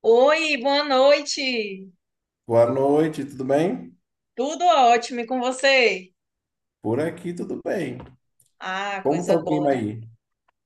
Oi, boa noite. Boa noite, tudo bem? Tudo ótimo e com você? Por aqui tudo bem. Ah, Como tá coisa o boa, clima né? aí?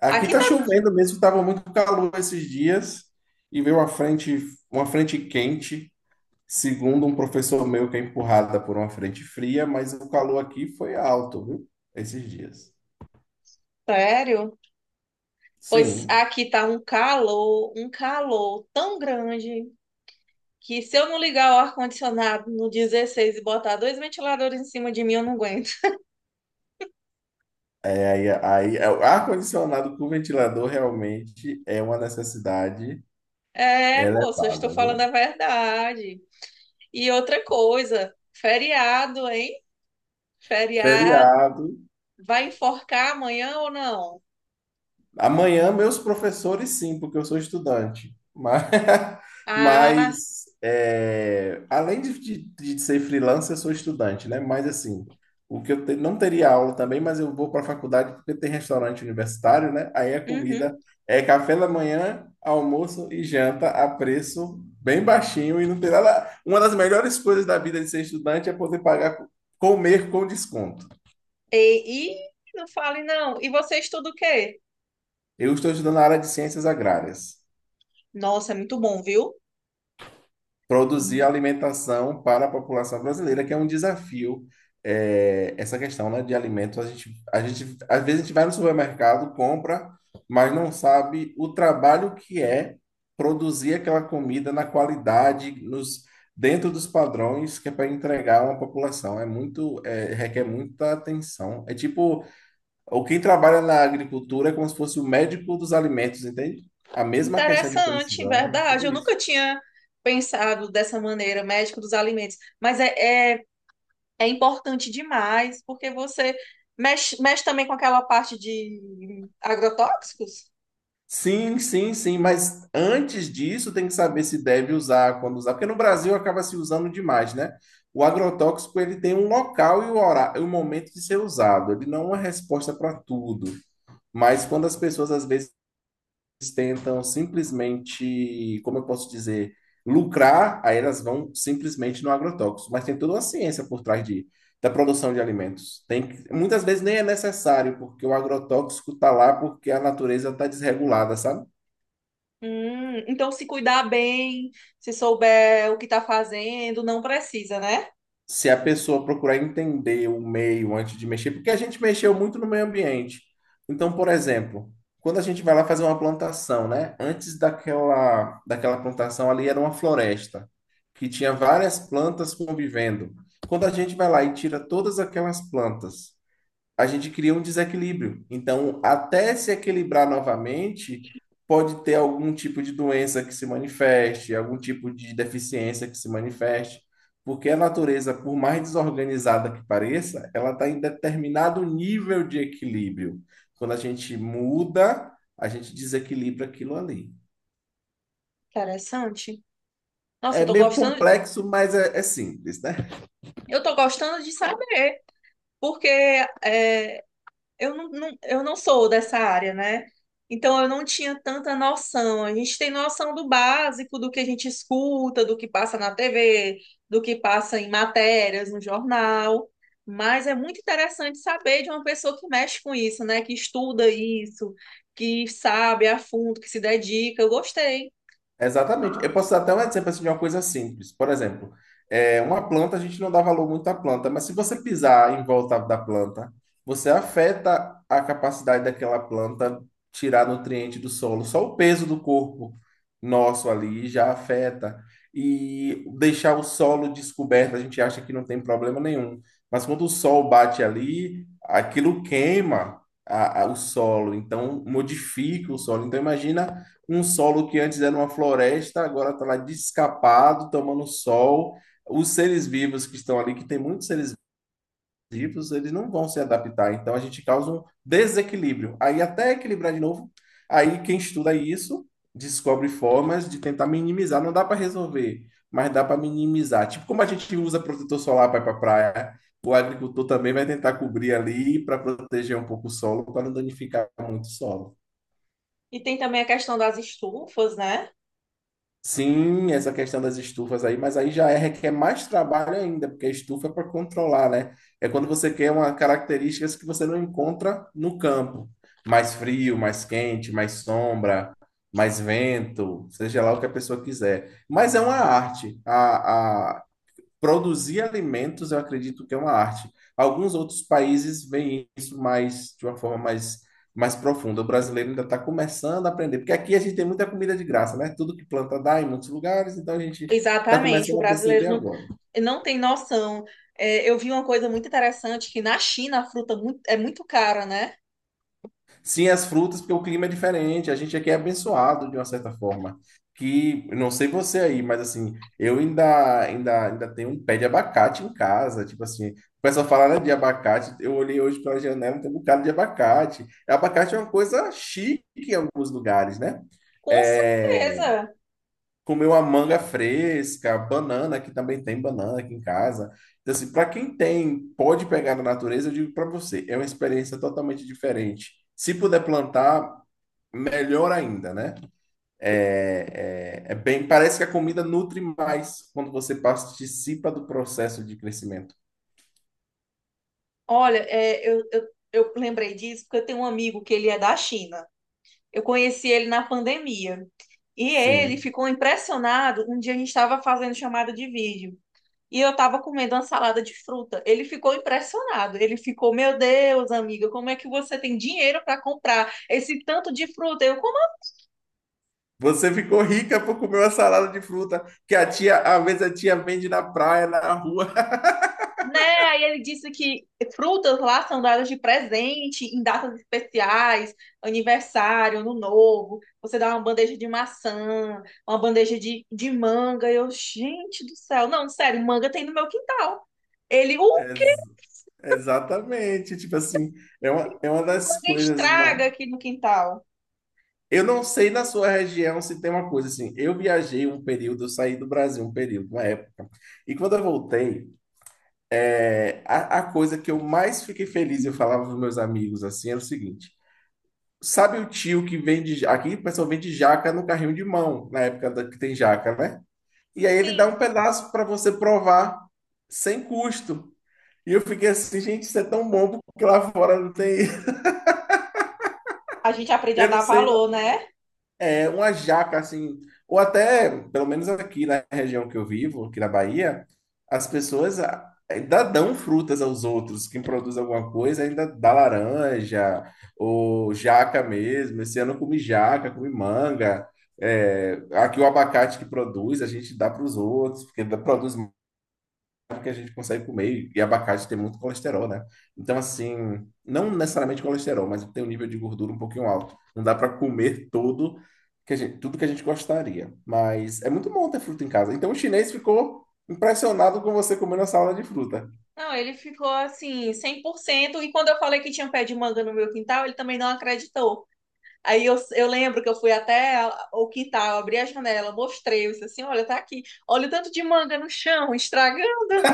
Aqui Aqui tá tá chovendo mesmo, tava muito calor esses dias e veio uma frente quente, segundo um professor meu que é empurrada por uma frente fria, mas o calor aqui foi alto, viu? Esses dias. Sério? Pois Sim. aqui tá um calor tão grande que se eu não ligar o ar-condicionado no 16 e botar dois ventiladores em cima de mim, eu não aguento. O ar-condicionado com ventilador realmente é uma necessidade É, moço, eu estou elevada, falando viu? a verdade. E outra coisa, feriado, hein? Feriado. Feriado. Vai enforcar amanhã ou não? Amanhã, meus professores, sim, porque eu sou estudante. Mas, Ah, mas, é, além de, de- de ser freelancer, eu sou estudante, né? Mas, assim, o que eu te- não teria aula também, mas eu vou para a faculdade porque tem restaurante universitário, né? Aí a uhum. comida é café da manhã, almoço e janta a preço bem baixinho e não tem nada. Uma das melhores coisas da vida de ser estudante é poder pagar, comer com desconto. E não fale, não. E você estuda o quê? Eu estou estudando na área de ciências agrárias. Nossa, é muito bom, viu? Produzir alimentação para a população brasileira, que é um desafio, essa questão, né, de alimentos. A gente, às vezes a gente vai no supermercado, compra, mas não sabe o trabalho que é produzir aquela comida na qualidade, dentro dos padrões que é para entregar a uma população. Requer muita atenção. É tipo, o quem trabalha na agricultura é como se fosse o médico dos alimentos, entende? A mesma questão de Interessante, precisão, verdade. tudo Eu isso. nunca tinha pensado dessa maneira, médico dos alimentos. Mas é importante demais, porque você mexe, mexe também com aquela parte de agrotóxicos. Sim, sim, sim, mas antes disso tem que saber se deve usar, quando usar, porque no Brasil acaba se usando demais, né? O agrotóxico ele tem um local e o horário, o momento de ser usado, ele não é uma resposta para tudo. Mas quando as pessoas às vezes tentam simplesmente, como eu posso dizer, lucrar, aí elas vão simplesmente no agrotóxico. Mas tem toda uma ciência por trás da produção de alimentos. Muitas vezes nem é necessário, porque o agrotóxico está lá porque a natureza está desregulada, sabe? Então, se cuidar bem, se souber o que está fazendo, não precisa, né? Se a pessoa procurar entender o meio antes de mexer, porque a gente mexeu muito no meio ambiente. Então, por exemplo, quando a gente vai lá fazer uma plantação, né? Daquela plantação ali era uma floresta, que tinha várias plantas convivendo. Quando a gente vai lá e tira todas aquelas plantas, a gente cria um desequilíbrio. Então, até se equilibrar novamente, pode ter algum tipo de doença que se manifeste, algum tipo de deficiência que se manifeste, porque a natureza, por mais desorganizada que pareça, ela está em determinado nível de equilíbrio. Quando a gente muda, a gente desequilibra aquilo ali. Interessante. Nossa, É meio complexo, mas é, é simples, né? eu tô gostando de saber, porque é, eu não sou dessa área, né? Então eu não tinha tanta noção. A gente tem noção do básico, do que a gente escuta, do que passa na TV, do que passa em matérias, no jornal. Mas é muito interessante saber de uma pessoa que mexe com isso, né? Que estuda isso, que sabe a fundo, que se dedica. Eu gostei. Exatamente. Eu posso dar até um exemplo assim, de uma coisa simples. Por exemplo, uma planta, a gente não dá valor muito à planta, mas se você pisar em volta da planta, você afeta a capacidade daquela planta tirar nutriente do solo. Só o peso do corpo nosso ali já afeta. E deixar o solo descoberto, a gente acha que não tem problema nenhum. Mas quando o sol bate ali, aquilo queima o solo, então modifica o solo. Então, imagina um solo que antes era uma floresta, agora está lá descapado, tomando sol. Os seres vivos que estão ali, que tem muitos seres vivos, eles não vão se adaptar. Então a gente causa um desequilíbrio. Aí até equilibrar de novo, aí quem estuda isso descobre formas de tentar minimizar. Não dá para resolver, mas dá para minimizar. Tipo como a gente usa protetor solar para ir para a praia. O agricultor também vai tentar cobrir ali para proteger um pouco o solo, para não danificar muito o solo. E tem também a questão das estufas, né? Sim, essa questão das estufas aí, mas aí requer mais trabalho ainda, porque a estufa é para controlar, né? É quando você quer uma características que você não encontra no campo. Mais frio, mais quente, mais sombra, mais vento, seja lá o que a pessoa quiser. Mas é uma arte. Produzir alimentos, eu acredito que é uma arte. Alguns outros países veem isso mais de uma forma mais profunda. O brasileiro ainda está começando a aprender, porque aqui a gente tem muita comida de graça, né? Tudo que planta dá em muitos lugares, então a gente está Exatamente, o começando a brasileiro perceber agora. não tem noção. É, eu vi uma coisa muito interessante, que na China a fruta é muito cara, né? Sim, as frutas, porque o clima é diferente. A gente aqui é abençoado de uma certa forma. Que não sei você aí, mas assim, eu ainda tenho um pé de abacate em casa. Tipo assim, o pessoal fala, né, de abacate. Eu olhei hoje pela janela, tem um bocado de abacate. Abacate é uma coisa chique em alguns lugares, né? Com É, certeza. comer uma manga fresca, banana, que também tem banana aqui em casa. Então, assim, para quem tem, pode pegar na natureza, eu digo para você, é uma experiência totalmente diferente. Se puder plantar, melhor ainda, né? Parece que a comida nutre mais quando você participa do processo de crescimento. Olha, é, eu lembrei disso porque eu tenho um amigo que ele é da China. Eu conheci ele na pandemia. E ele Sim. ficou impressionado. Um dia a gente estava fazendo chamada de vídeo. E eu estava comendo uma salada de fruta. Ele ficou impressionado. Ele ficou, meu Deus, amiga, como é que você tem dinheiro para comprar esse tanto de fruta? Eu, como... Você ficou rica por comer uma salada de fruta que a tia, às vezes a tia vende na praia, na rua. Né? Aí ele disse que frutas lá são dadas de presente em datas especiais, aniversário, ano novo. Você dá uma bandeja de maçã, uma bandeja de manga. Eu, gente do céu, não, sério, manga tem no meu quintal. Ele, o É, que Exatamente, tipo assim, é uma das manga coisas mais. estraga aqui no quintal? Eu não sei na sua região se tem uma coisa assim. Eu viajei um período, eu saí do Brasil um período, uma época. E quando eu voltei, a coisa que eu mais fiquei feliz, eu falava para meus amigos assim, era o seguinte: sabe o tio que vende. Ja- Aqui o pessoal vende jaca no carrinho de mão, que tem jaca, né? E aí ele dá um Sim, pedaço para você provar, sem custo. E eu fiquei assim, gente, isso é tão bom, porque lá fora não tem. a gente aprende a Eu não dar sei. valor, né? Uma jaca, assim, ou até, pelo menos aqui na região que eu vivo, aqui na Bahia, as pessoas ainda dão frutas aos outros. Quem produz alguma coisa ainda dá laranja, ou jaca mesmo. Esse ano eu comi jaca, comi manga. É, aqui o abacate que produz, a gente dá para os outros, porque produz que a gente consegue comer, e abacate tem muito colesterol, né? Então, assim, não necessariamente colesterol, mas tem um nível de gordura um pouquinho alto. Não dá para comer todo que a gente, tudo que a gente gostaria, mas é muito bom ter fruta em casa. Então, o chinês ficou impressionado com você comendo a salada de fruta. Não, ele ficou assim, 100%. E quando eu falei que tinha um pé de manga no meu quintal, ele também não acreditou. Aí eu lembro que eu fui até o quintal, abri a janela, mostrei, eu disse assim, olha, tá aqui, olha o tanto de manga no chão, estragando.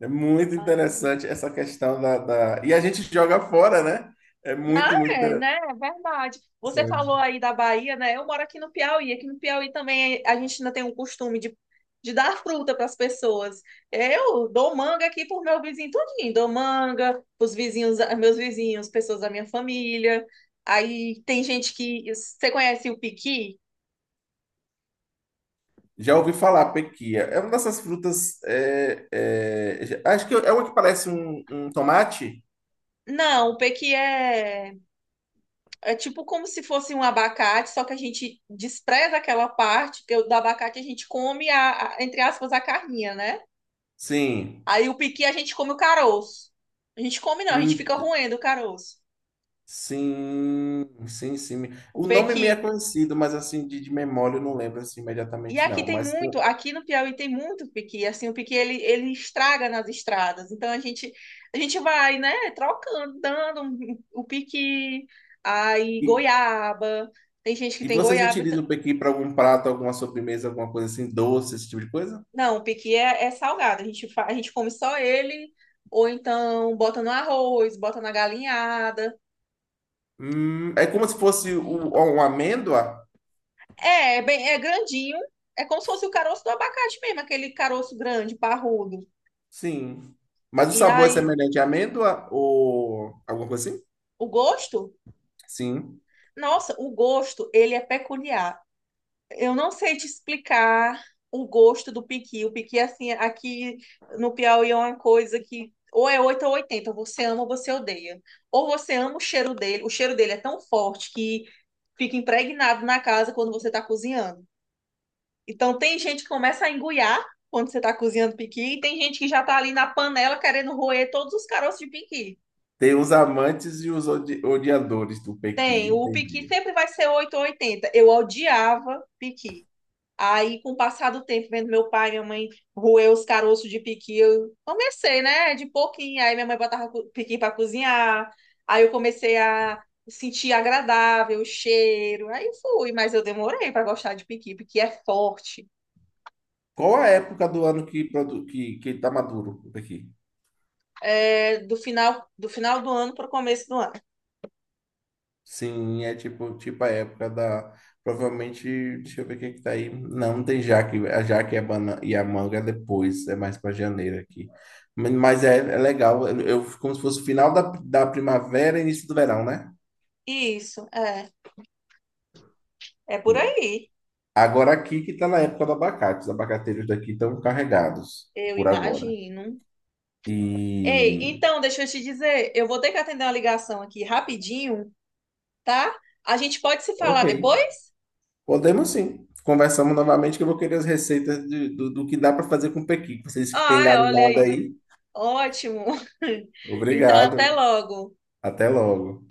É muito interessante essa questão da, da... E a gente joga fora, né? É muito, muito É, interessante. né? É verdade. Você falou aí da Bahia, né? Eu moro aqui no Piauí. Aqui no Piauí também a gente ainda tem o costume de dar fruta para as pessoas. Eu dou manga aqui pro meu vizinho tudinho, dou manga pros vizinhos, meus vizinhos, pessoas da minha família. Aí tem gente que... Você conhece o piqui? Já ouvi falar, pequia. É uma dessas frutas. Acho que é uma que parece um tomate. Não, o pequi É tipo como se fosse um abacate, só que a gente despreza aquela parte, porque do abacate a gente come entre aspas, a carninha, né? Sim. Aí o pequi a gente come o caroço. A gente come não, a gente Hum, fica roendo o caroço. sim, sim, sim. O O nome me é pequi. conhecido, mas assim, de memória eu não lembro assim E imediatamente, aqui não. tem Mas pô, muito, aqui no Piauí tem muito pequi, assim, o pequi ele estraga nas estradas. Então a gente vai, né, trocando, dando o pequi, aí e, goiaba. Tem gente que tem vocês goiaba. utilizam o pequi para algum prato, alguma sobremesa, alguma coisa assim, doce, esse tipo de coisa? Não, o piqui é salgado. A gente, a gente come só ele, ou então bota no arroz, bota na galinhada. É como se fosse uma amêndoa? É bem, é grandinho. É como se fosse o caroço do abacate mesmo, aquele caroço grande, parrudo. Sim. Mas o E sabor é aí, semelhante à amêndoa ou alguma coisa assim? o gosto? Sim. Nossa, o gosto, ele é peculiar. Eu não sei te explicar o gosto do piqui. O piqui, assim, aqui no Piauí é uma coisa que ou é 8 ou 80, você ama ou você odeia. Ou você ama o cheiro dele é tão forte que fica impregnado na casa quando você está cozinhando. Então, tem gente que começa a engoiar quando você está cozinhando piqui, e tem gente que já está ali na panela querendo roer todos os caroços de piqui. Tem os amantes e os odiadores do pequi, Tem, o piqui entendi. sempre vai ser 8 ou 80. Eu odiava piqui. Aí, com o passar do tempo, vendo meu pai e minha mãe roer os caroços de piqui, eu comecei, né? De pouquinho. Aí minha mãe botava piqui para cozinhar. Aí eu comecei a sentir agradável o cheiro. Aí fui, mas eu demorei para gostar de piqui, porque é forte. Qual a época do ano que tá maduro o pequi? É do final do ano para o começo do ano. Sim, é tipo, tipo a época da. Provavelmente, deixa eu ver o que que tá aí. Não, tem jaque. A jaque e a manga é depois, é mais para janeiro aqui. Mas é, é legal, como se fosse final da, da primavera e início do verão, né? Isso, é. É por aí, Agora aqui que tá na época do abacate. Os abacateiros daqui estão carregados eu por agora. imagino. Ei, E. então, deixa eu te dizer, eu vou ter que atender uma ligação aqui rapidinho, tá? A gente pode se falar Ok. depois? Podemos sim. Conversamos novamente que eu vou querer as receitas do, do que dá para fazer com pequi. Vocês que Ah, têm é, olha galinhada aí. aí. Ótimo. Então, até Obrigado. logo. Até logo.